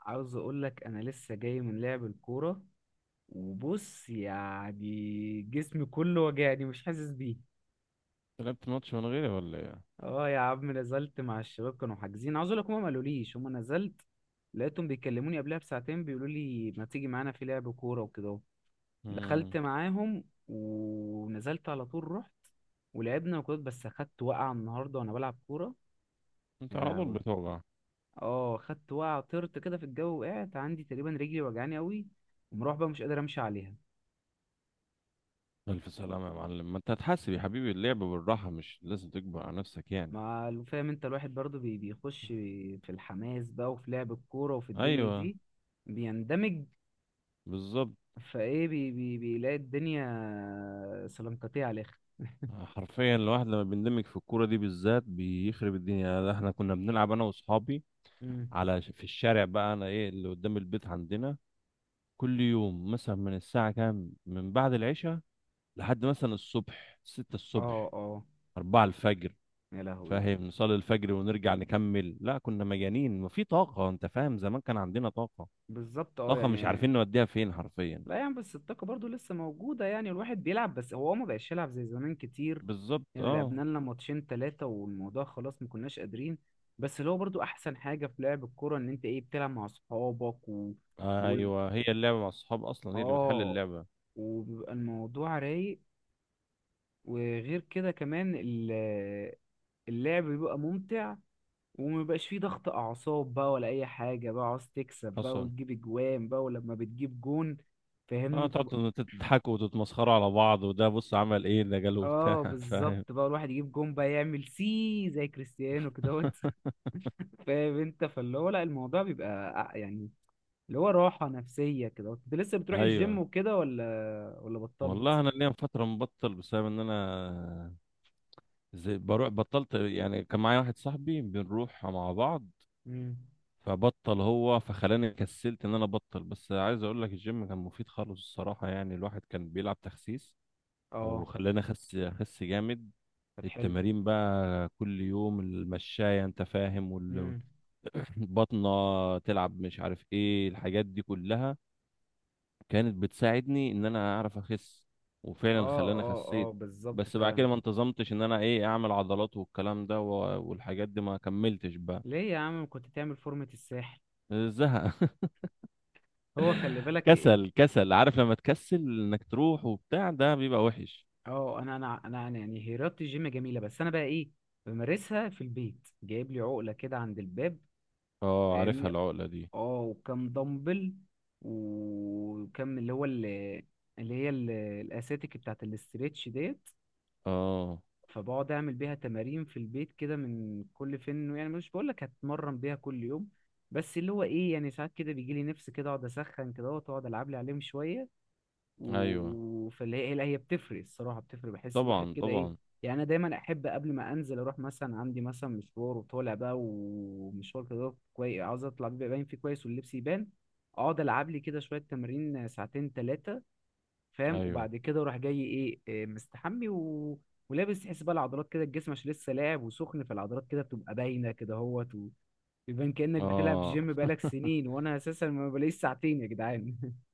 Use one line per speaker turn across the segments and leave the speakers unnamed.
عاوز اقول لك، انا لسه جاي من لعب الكوره. وبص يعني جسمي كله وجعني مش حاسس بيه.
لعبت ماتش من غيري ولا ايه؟
اه يا عم، نزلت مع الشباب كانوا حاجزين. عاوز اقول لك، هما ما قالوليش هما نزلت. لقيتهم بيكلموني قبلها بساعتين بيقولوا لي ما تيجي معانا في لعب كوره وكده اهو. دخلت
امم.
معاهم ونزلت على طول. رحت ولعبنا وكده، بس اخدت وقعه النهارده وانا بلعب كوره.
انت
يا
على طول
لهوي!
بتوجع.
اه، خدت وقعه، طرت كده في الجو وقعت، عندي تقريبا رجلي وجعاني قوي، ومروح بقى مش قادر امشي عليها.
الف سلامة يا معلم، ما انت هتحاسب يا حبيبي، اللعب بالراحة، مش لازم تكبر على نفسك يعني.
مع فاهم انت، الواحد برضو بيخش في الحماس بقى، وفي لعب الكورة وفي الدنيا
ايوه.
دي بيندمج.
بالظبط.
فايه بي بي بيلاقي الدنيا سلنكتيه على الاخر.
حرفيا الواحد لما بيندمج في الكورة دي بالذات بيخرب الدنيا، يعني احنا كنا بنلعب انا واصحابي
امم.
على في الشارع بقى، انا ايه اللي قدام البيت عندنا. كل يوم مثلا من الساعة كام، من بعد العشاء لحد مثلا الصبح، 6
اه،
الصبح،
اه.
4 الفجر.
يا لهوي!
فاهم؟ نصلي الفجر ونرجع نكمل، لا كنا مجانين وفي طاقة، انت فاهم؟ زمان كان عندنا طاقة.
بالظبط، اه
طاقة مش
يعني.
عارفين نوديها فين حرفيا.
لا يعني، بس الطاقة برضو لسه موجودة، يعني الواحد بيلعب، بس هو ما بقاش يلعب زي زمان كتير.
بالظبط.
يعني لعبنا
اه.
لنا ماتشين تلاتة والموضوع خلاص ما كناش قادرين. بس اللي هو برضو أحسن حاجة في لعب الكورة إن أنت إيه بتلعب مع أصحابك و... وال-
ايوه، هي اللعبة مع الصحاب اصلا، هي اللي بتحل
اه،
اللعبة.
وبيبقى الموضوع رايق، وغير كده كمان اللعب بيبقى ممتع. ومبيبقاش فيه ضغط أعصاب بقى، ولا أي حاجة بقى عاوز تكسب بقى
حصل.
وتجيب أجوان بقى، ولما بتجيب جون
اه،
فاهمني بتبقى.
تقعدوا تضحكوا وتتمسخروا على بعض، وده بص عمل ايه، ده جاله بتاع
اه
فاهم؟
بالظبط، بقى الواحد يجيب جون بقى يعمل سي زي كريستيانو كدهوت. فاهم انت؟ فاللي هو لا، الموضوع بيبقى يعني، اللي هو راحة نفسية كده. انت لسه بتروح الجيم
ايوه.
وكده ولا بطلت؟
والله انا ليا فتره مبطل، بسبب ان انا زي بروح، بطلت يعني. كان معايا واحد صاحبي بنروح مع بعض.
مم.
فبطل هو، فخلاني كسلت ان انا ابطل، بس عايز اقول لك الجيم كان مفيد خالص الصراحه، يعني الواحد كان بيلعب تخسيس،
اه،
وخلاني اخس اخس جامد.
طب حلو.
التمارين بقى كل يوم، المشاية انت فاهم،
مم.
والبطنة تلعب، مش عارف ايه الحاجات دي كلها، كانت بتساعدني ان انا اعرف اخس، وفعلا
اه،
خلاني
اه، اه،
خسيت.
بالظبط
بس بعد
فعلا.
كده ما انتظمتش ان انا ايه اعمل عضلات والكلام ده، و- والحاجات دي ما كملتش بقى.
ليه يا عم؟ كنت تعمل فورمة الساحل.
زهق.
هو خلي بالك
كسل، كسل، عارف لما تكسل انك تروح وبتاع ده بيبقى وحش.
اه، انا يعني رياضة الجيم جميلة، بس انا بقى ايه؟ بمارسها في البيت، جايب لي عقلة كده عند الباب
اه، عارفها
فاهمني.
العقلة دي.
اه، وكم دمبل، وكم اللي هو اللي, اللي هي ال- الاساتيك بتاعت الاستريتش ديت.
اه.
فبقعد اعمل بيها تمارين في البيت كده من كل فين، يعني مش بقول لك هتمرن بيها كل يوم. بس اللي هو ايه، يعني ساعات كده بيجي لي نفس كده اقعد اسخن كده واقعد العب لي عليهم شويه،
ايوه.
فاللي هي لا، هي بتفرق الصراحه، بتفرق، بحس الواحد
طبعا
كده ايه.
طبعا.
يعني انا دايما احب قبل ما انزل اروح مثلا، عندي مثلا مشوار وطالع بقى، ومشوار كده كويس عاوز اطلع بيبقى باين فيه كويس واللبس يبان. اقعد العب لي كده شويه تمارين ساعتين ثلاثه. فاهم؟
ايوه.
وبعد كده وراح جاي ايه، مستحمي و... ولابس تحس بقى العضلات كده، الجسم عشان لسه لاعب وسخن، فالعضلات كده بتبقى باينه كده اهوت. ويبان كانك بتلعب
اه.
جيم بقالك سنين، وانا اساسا ما بلاقيش ساعتين يا جدعان.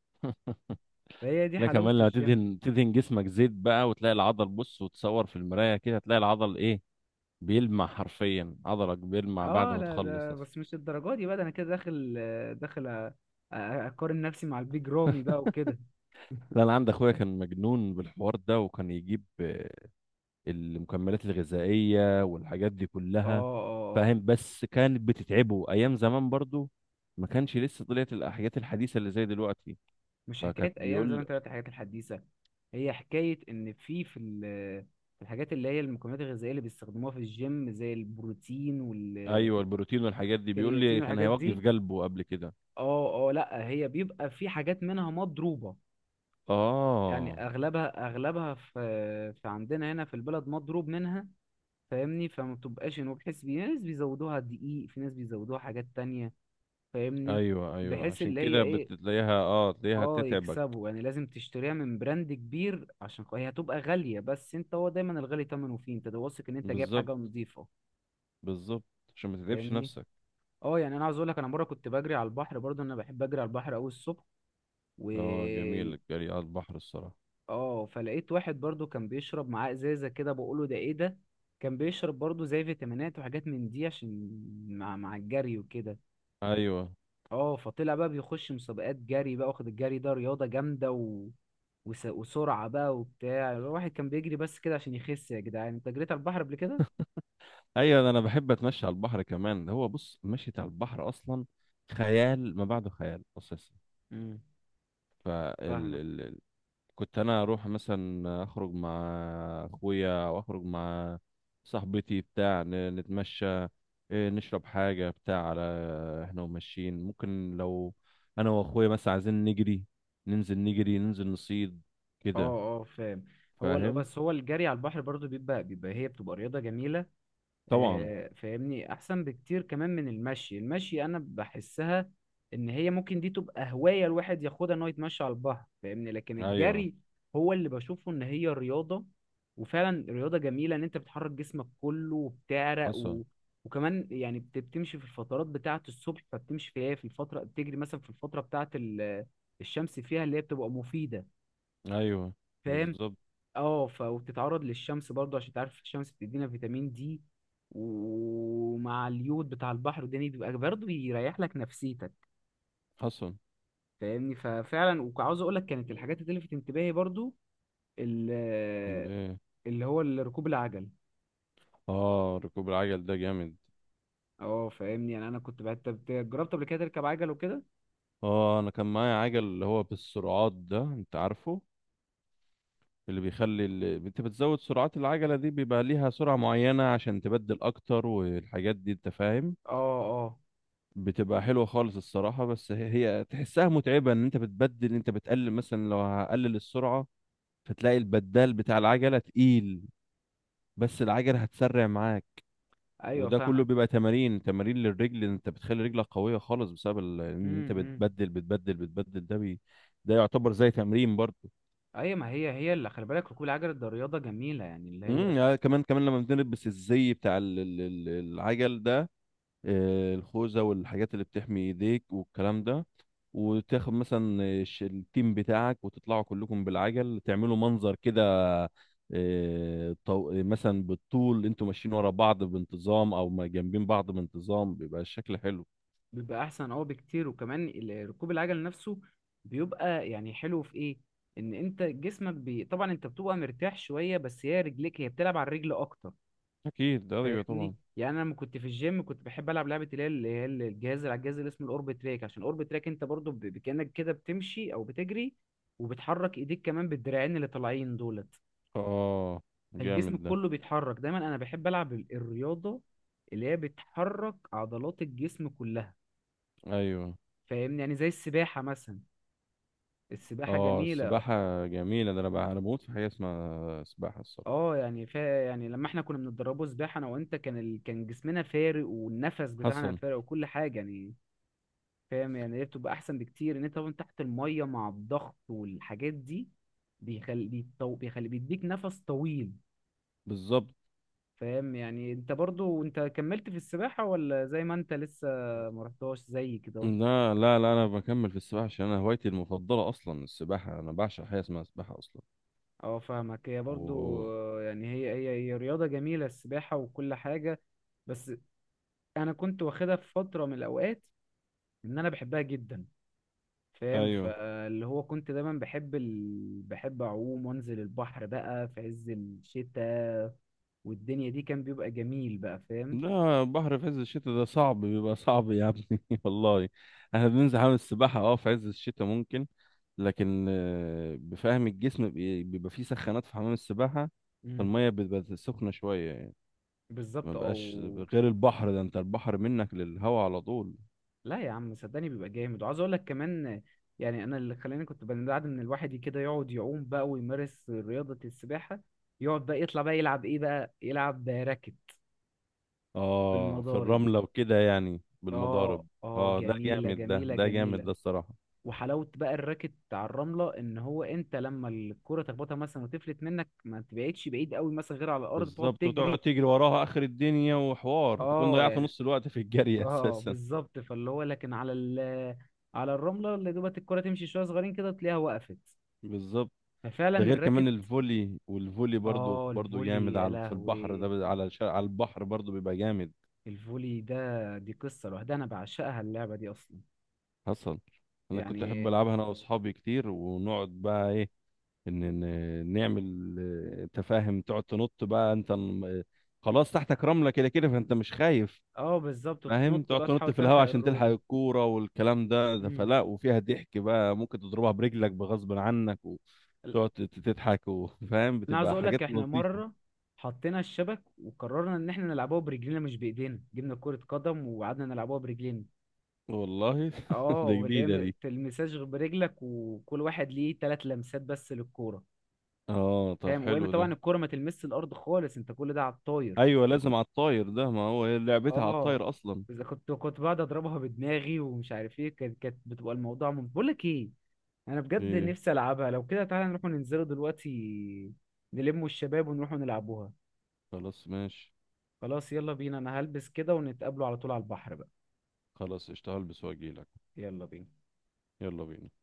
فهي دي
لا،
حلاوه
كمان لما
الجيم.
تدهن جسمك زيت بقى، وتلاقي العضل، بص وتصور في المراية كده، تلاقي العضل ايه، بيلمع، حرفيا عضلك بيلمع بعد
اه
ما
لا،
تخلص
ده
اصلا.
بس مش الدرجه دي بقى، ده انا كده داخل، داخل اقارن نفسي مع البيج رامي بقى وكده.
لا، انا عندي اخويا كان مجنون بالحوار ده، وكان يجيب المكملات الغذائية والحاجات دي
اه،
كلها.
اه، آه.
فاهم؟ بس كانت بتتعبه ايام زمان برضو، ما كانش لسه طلعت الحاجات الحديثة اللي زي دلوقتي.
مش
فكانت
حكايه ايام زي ما
بيقول.
انت قلت الحاجات الحديثه. هي حكايه ان في الحاجات اللي هي المكملات الغذائيه اللي بيستخدموها في الجيم زي البروتين
ايوه، البروتين والحاجات دي بيقول
والكرياتين
لي كان
والحاجات
هيوقف
دي.
قلبه قبل كده.
اه، اه، لا، هي بيبقى في حاجات منها مضروبه، يعني
اه.
اغلبها في عندنا هنا في البلد مضروب منها. فاهمني، فما بتبقاش انه، بحيث في ناس بيزودوها دقيق، في ناس بيزودوها حاجات تانية فاهمني،
ايوه ايوه،
بحيث
عشان
اللي هي
كده
ايه.
بتلاقيها، تلاقيها
اه
تتعبك.
يكسبوا، يعني لازم تشتريها من براند كبير عشان هي هتبقى غالية، بس انت هو دايما الغالي تمنه فيه، انت ده واثق ان انت جايب
بالظبط.
حاجة نظيفة
بالظبط، عشان ما تتعبش
فاهمني.
نفسك.
اه يعني، انا عاوز اقول لك، انا مرة كنت بجري على البحر برضه، انا بحب اجري على البحر قوي الصبح، و
اه، جميل الجري على البحر الصراحة.
اه فلقيت واحد برضه كان بيشرب معاه ازازة كده، بقوله ده ايه ده. كان بيشرب برضه زي فيتامينات وحاجات من دي، عشان مع الجري وكده.
ايوه
اه، فطلع بقى بيخش مسابقات جري بقى، واخد الجري ده رياضة جامدة و... وسرعة بقى وبتاع، الواحد كان بيجري بس كده عشان يخس يا جدعان. انت جريت على البحر قبل كده؟
ايوه، ده انا بحب اتمشى على البحر كمان، ده هو بص، مشيت على البحر اصلا خيال ما بعده خيال اساسا.
امم
فال...
فاهمك.
ال... ال- كنت انا اروح مثلا اخرج مع اخويا، او اخرج مع صاحبتي بتاع نتمشى، نشرب حاجه بتاع، على احنا وماشيين، ممكن لو انا واخويا مثلا عايزين نجري، ننزل نجري، ننزل نصيد كده.
اه، اه، فاهم. هو
فاهم؟
بس هو الجري على البحر برضه بيبقى، هي بتبقى رياضة جميلة.
طبعا.
فاهمني احسن بكتير كمان من المشي. المشي انا بحسها ان هي ممكن دي تبقى هواية الواحد ياخدها ان هو يتمشى على البحر فاهمني، لكن
ايوه.
الجري هو اللي بشوفه ان هي رياضة. وفعلا رياضة جميلة ان انت بتحرك جسمك كله وبتعرق
حصل.
و... وكمان يعني بتمشي في الفترات بتاعة الصبح، فبتمشي فيها في الفترة، بتجري مثلا في الفترة بتاعة الشمس فيها اللي هي بتبقى مفيدة
ايوه.
فاهم.
بالظبط.
اه، وبتتعرض للشمس برضه، عشان تعرف الشمس بتدينا فيتامين دي، ومع اليود بتاع البحر الدنيا بيبقى برضه بيريح لك نفسيتك فاهمني. ففعلا، وعاوز اقول لك كانت الحاجات اللي لفت انتباهي برضه ال-
حصل.
ركوب العجل.
اه، ركوب العجل ده جامد.
اه، فاهمني. يعني انا كنت بقى، انت جربت قبل كده تركب عجل وكده؟
اه، انا كان معايا عجل اللي هو بالسرعات ده، انت عارفه، اللي بيخلي، انت بتزود سرعات العجلة دي، بيبقى ليها سرعة معينة عشان تبدل اكتر والحاجات دي انت فاهم.
اه، اه،
بتبقى حلوة خالص الصراحة، بس هي، هي تحسها متعبة، ان انت بتبدل، انت بتقلل مثلا، لو هقلل السرعة فتلاقي البدال بتاع العجلة تقيل، بس العجلة هتسرع معاك.
ايوه
وده كله
فاهمك.
بيبقى تمارين، تمارين للرجل، إن انت بتخلي رجلك قويه خالص بسبب ان
امم،
انت
إمم.
بتبدل بتبدل بتبدل، ده يعتبر زي تمرين برضه.
ايوه، ما هي اللي خلي بالك ركوب العجل ده رياضه جميله، يعني اللي هي
امم. آه. كمان كمان، لما بنلبس الزي بتاع العجل ده، الخوذه والحاجات اللي بتحمي ايديك والكلام ده، وتاخد مثلا التيم بتاعك، وتطلعوا كلكم بالعجل، تعملوا منظر كده. مثلا بالطول انتوا ماشيين ورا بعض بانتظام، او ما جنبين بعض بانتظام، بيبقى الشكل حلو.
بيبقى احسن اه بكتير، وكمان ركوب العجل نفسه بيبقى يعني حلو في ايه؟ ان انت جسمك طبعا انت بتبقى مرتاح شويه، بس هي رجليك بتلعب على الرجل اكتر
اكيد. ايوه
فاهمني.
طبعا.
يعني انا لما كنت في الجيم كنت بحب العب لعبه اللي هي الجهاز، اللي على الجهاز اللي اسمه الاوربت تراك، عشان الاوربت تراك انت برضو كانك كده بتمشي او بتجري، وبتحرك ايديك كمان بالدراعين اللي طالعين دولت.
اه
فالجسم
جامد ده.
كله بيتحرك، دايما انا بحب العب الرياضه اللي هي بتحرك عضلات الجسم كلها
ايوه.
فاهمني، يعني زي السباحه مثلا. السباحة
اه،
جميلة.
السباحه جميله، ده انا بقى، انا بموت في حاجه اسمها سباحه الصراحه.
اه يعني، يعني لما احنا كنا بنتدربوا سباحة انا وانت، كان كان جسمنا فارق والنفس بتاعنا
حسن.
فارق وكل حاجة يعني فاهم. يعني هي بتبقى احسن بكتير ان انت طبعا تحت المية مع الضغط والحاجات دي، بيخلي بيديك نفس طويل
بالظبط.
فاهم. يعني انت برضو انت كملت في السباحة، ولا زي ما انت لسه ما رحتهاش زي كده؟
لا، لا، لا، انا بكمل في السباحه، عشان انا هوايتي المفضله اصلا السباحه، انا بعشق حاجه اسمها سباحه اصلا.
اهو، اه، فاهمك. هي برضو،
و...
يعني هي رياضة جميلة السباحة وكل حاجة. بس انا كنت واخدها في فترة من الاوقات، ان انا بحبها جدا فاهم.
ايوه.
فاللي هو كنت دايما بحب اعوم وانزل البحر بقى في عز الشتاء، والدنيا دي كان بيبقى جميل بقى فاهم.
لا، بحر في عز الشتاء ده صعب، بيبقى صعب يا ابني والله. احنا بننزل حمام السباحة في عز الشتاء ممكن، لكن بفهم الجسم بيبقى فيه سخانات في حمام السباحة،
امم.
فالمية بتبقى سخنة شوية يعني. ما
بالظبط
بقاش.
او،
غير البحر ده، انت البحر منك للهوا على طول.
لا يا عم صدقني، بيبقى جامد، وعاوز اقول لك كمان. يعني انا اللي خلاني كنت بعد ان الواحد كده يقعد يعوم بقى ويمارس رياضة السباحة، يقعد بقى يطلع بقى يلعب ايه بقى، يلعب راكت.
اه، في
بالمضارب،
الرملة وكده يعني،
اه،
بالمضارب.
اه،
اه، ده
جميلة،
جامد
جميلة،
ده جامد
جميلة.
ده الصراحة.
وحلاوة بقى الراكت على الرملة، ان هو انت لما الكرة تخبطها مثلا وتفلت منك ما تبعدش بعيد قوي مثلا، غير على الارض تقعد
بالظبط، وتقعد
تجري.
تجري وراها اخر الدنيا، وحوار تكون
اه
ضيعت
يعني،
نص الوقت في الجري
اه
اساسا.
بالظبط، فاللي هو لكن على على الرملة اللي دوبت الكرة تمشي شوية صغيرين كده تلاقيها وقفت،
بالظبط.
ففعلا
ده غير كمان
الراكت.
الفولي، والفولي برضو
اه،
برضو
الفولي،
جامد،
يا
على في البحر ده،
لهوي!
على البحر برضو بيبقى جامد.
الفولي ده دي قصة لوحدها، انا بعشقها اللعبة دي اصلا
حصل. انا كنت احب
يعني.
العبها انا واصحابي كتير، ونقعد بقى ايه، ان نعمل، تفاهم، تقعد تنط بقى، انت خلاص تحتك رملة كده كده، فانت مش خايف.
اه بالظبط،
فاهم؟
وتنط
تقعد
بقى
تنط
تحاول
في الهواء
تلحق
عشان تلحق
الرولة.
الكورة والكلام ده،
مم.
فلا، وفيها ضحك بقى، ممكن تضربها برجلك بغصب عنك، وتقعد تضحك، وفاهم؟
انا عاوز
بتبقى
اقول
حاجات
لك، احنا
لطيفة.
مره حطينا الشبك وقررنا ان احنا نلعبوها برجلينا مش بايدينا، جبنا كرة قدم وقعدنا نلعبوها برجلينا.
والله ده
اه، اللي هي
جديدة دي.
تلمساش غير برجلك، وكل واحد ليه تلات لمسات بس للكوره.
اه، طب
فاهم؟ وهي
حلو ده.
طبعا الكوره ما تلمسش الارض خالص، انت كل ده على الطاير.
ايوه، لازم على الطاير ده، ما هو هي لعبتها على
اه،
الطاير اصلا.
اذا كنت بقعد اضربها بدماغي ومش عارف ايه، كانت بتبقى الموضوع بقول لك ايه. انا بجد
ايه.
نفسي العبها. لو كده تعالى نروح ننزلوا دلوقتي، نلموا الشباب ونروحوا نلعبوها.
خلاص، ماشي.
خلاص يلا بينا، انا هلبس كده ونتقابلوا على طول على البحر بقى.
خلاص، اشتغل بس واجيلك.
يلا بينا.
يلا بينا.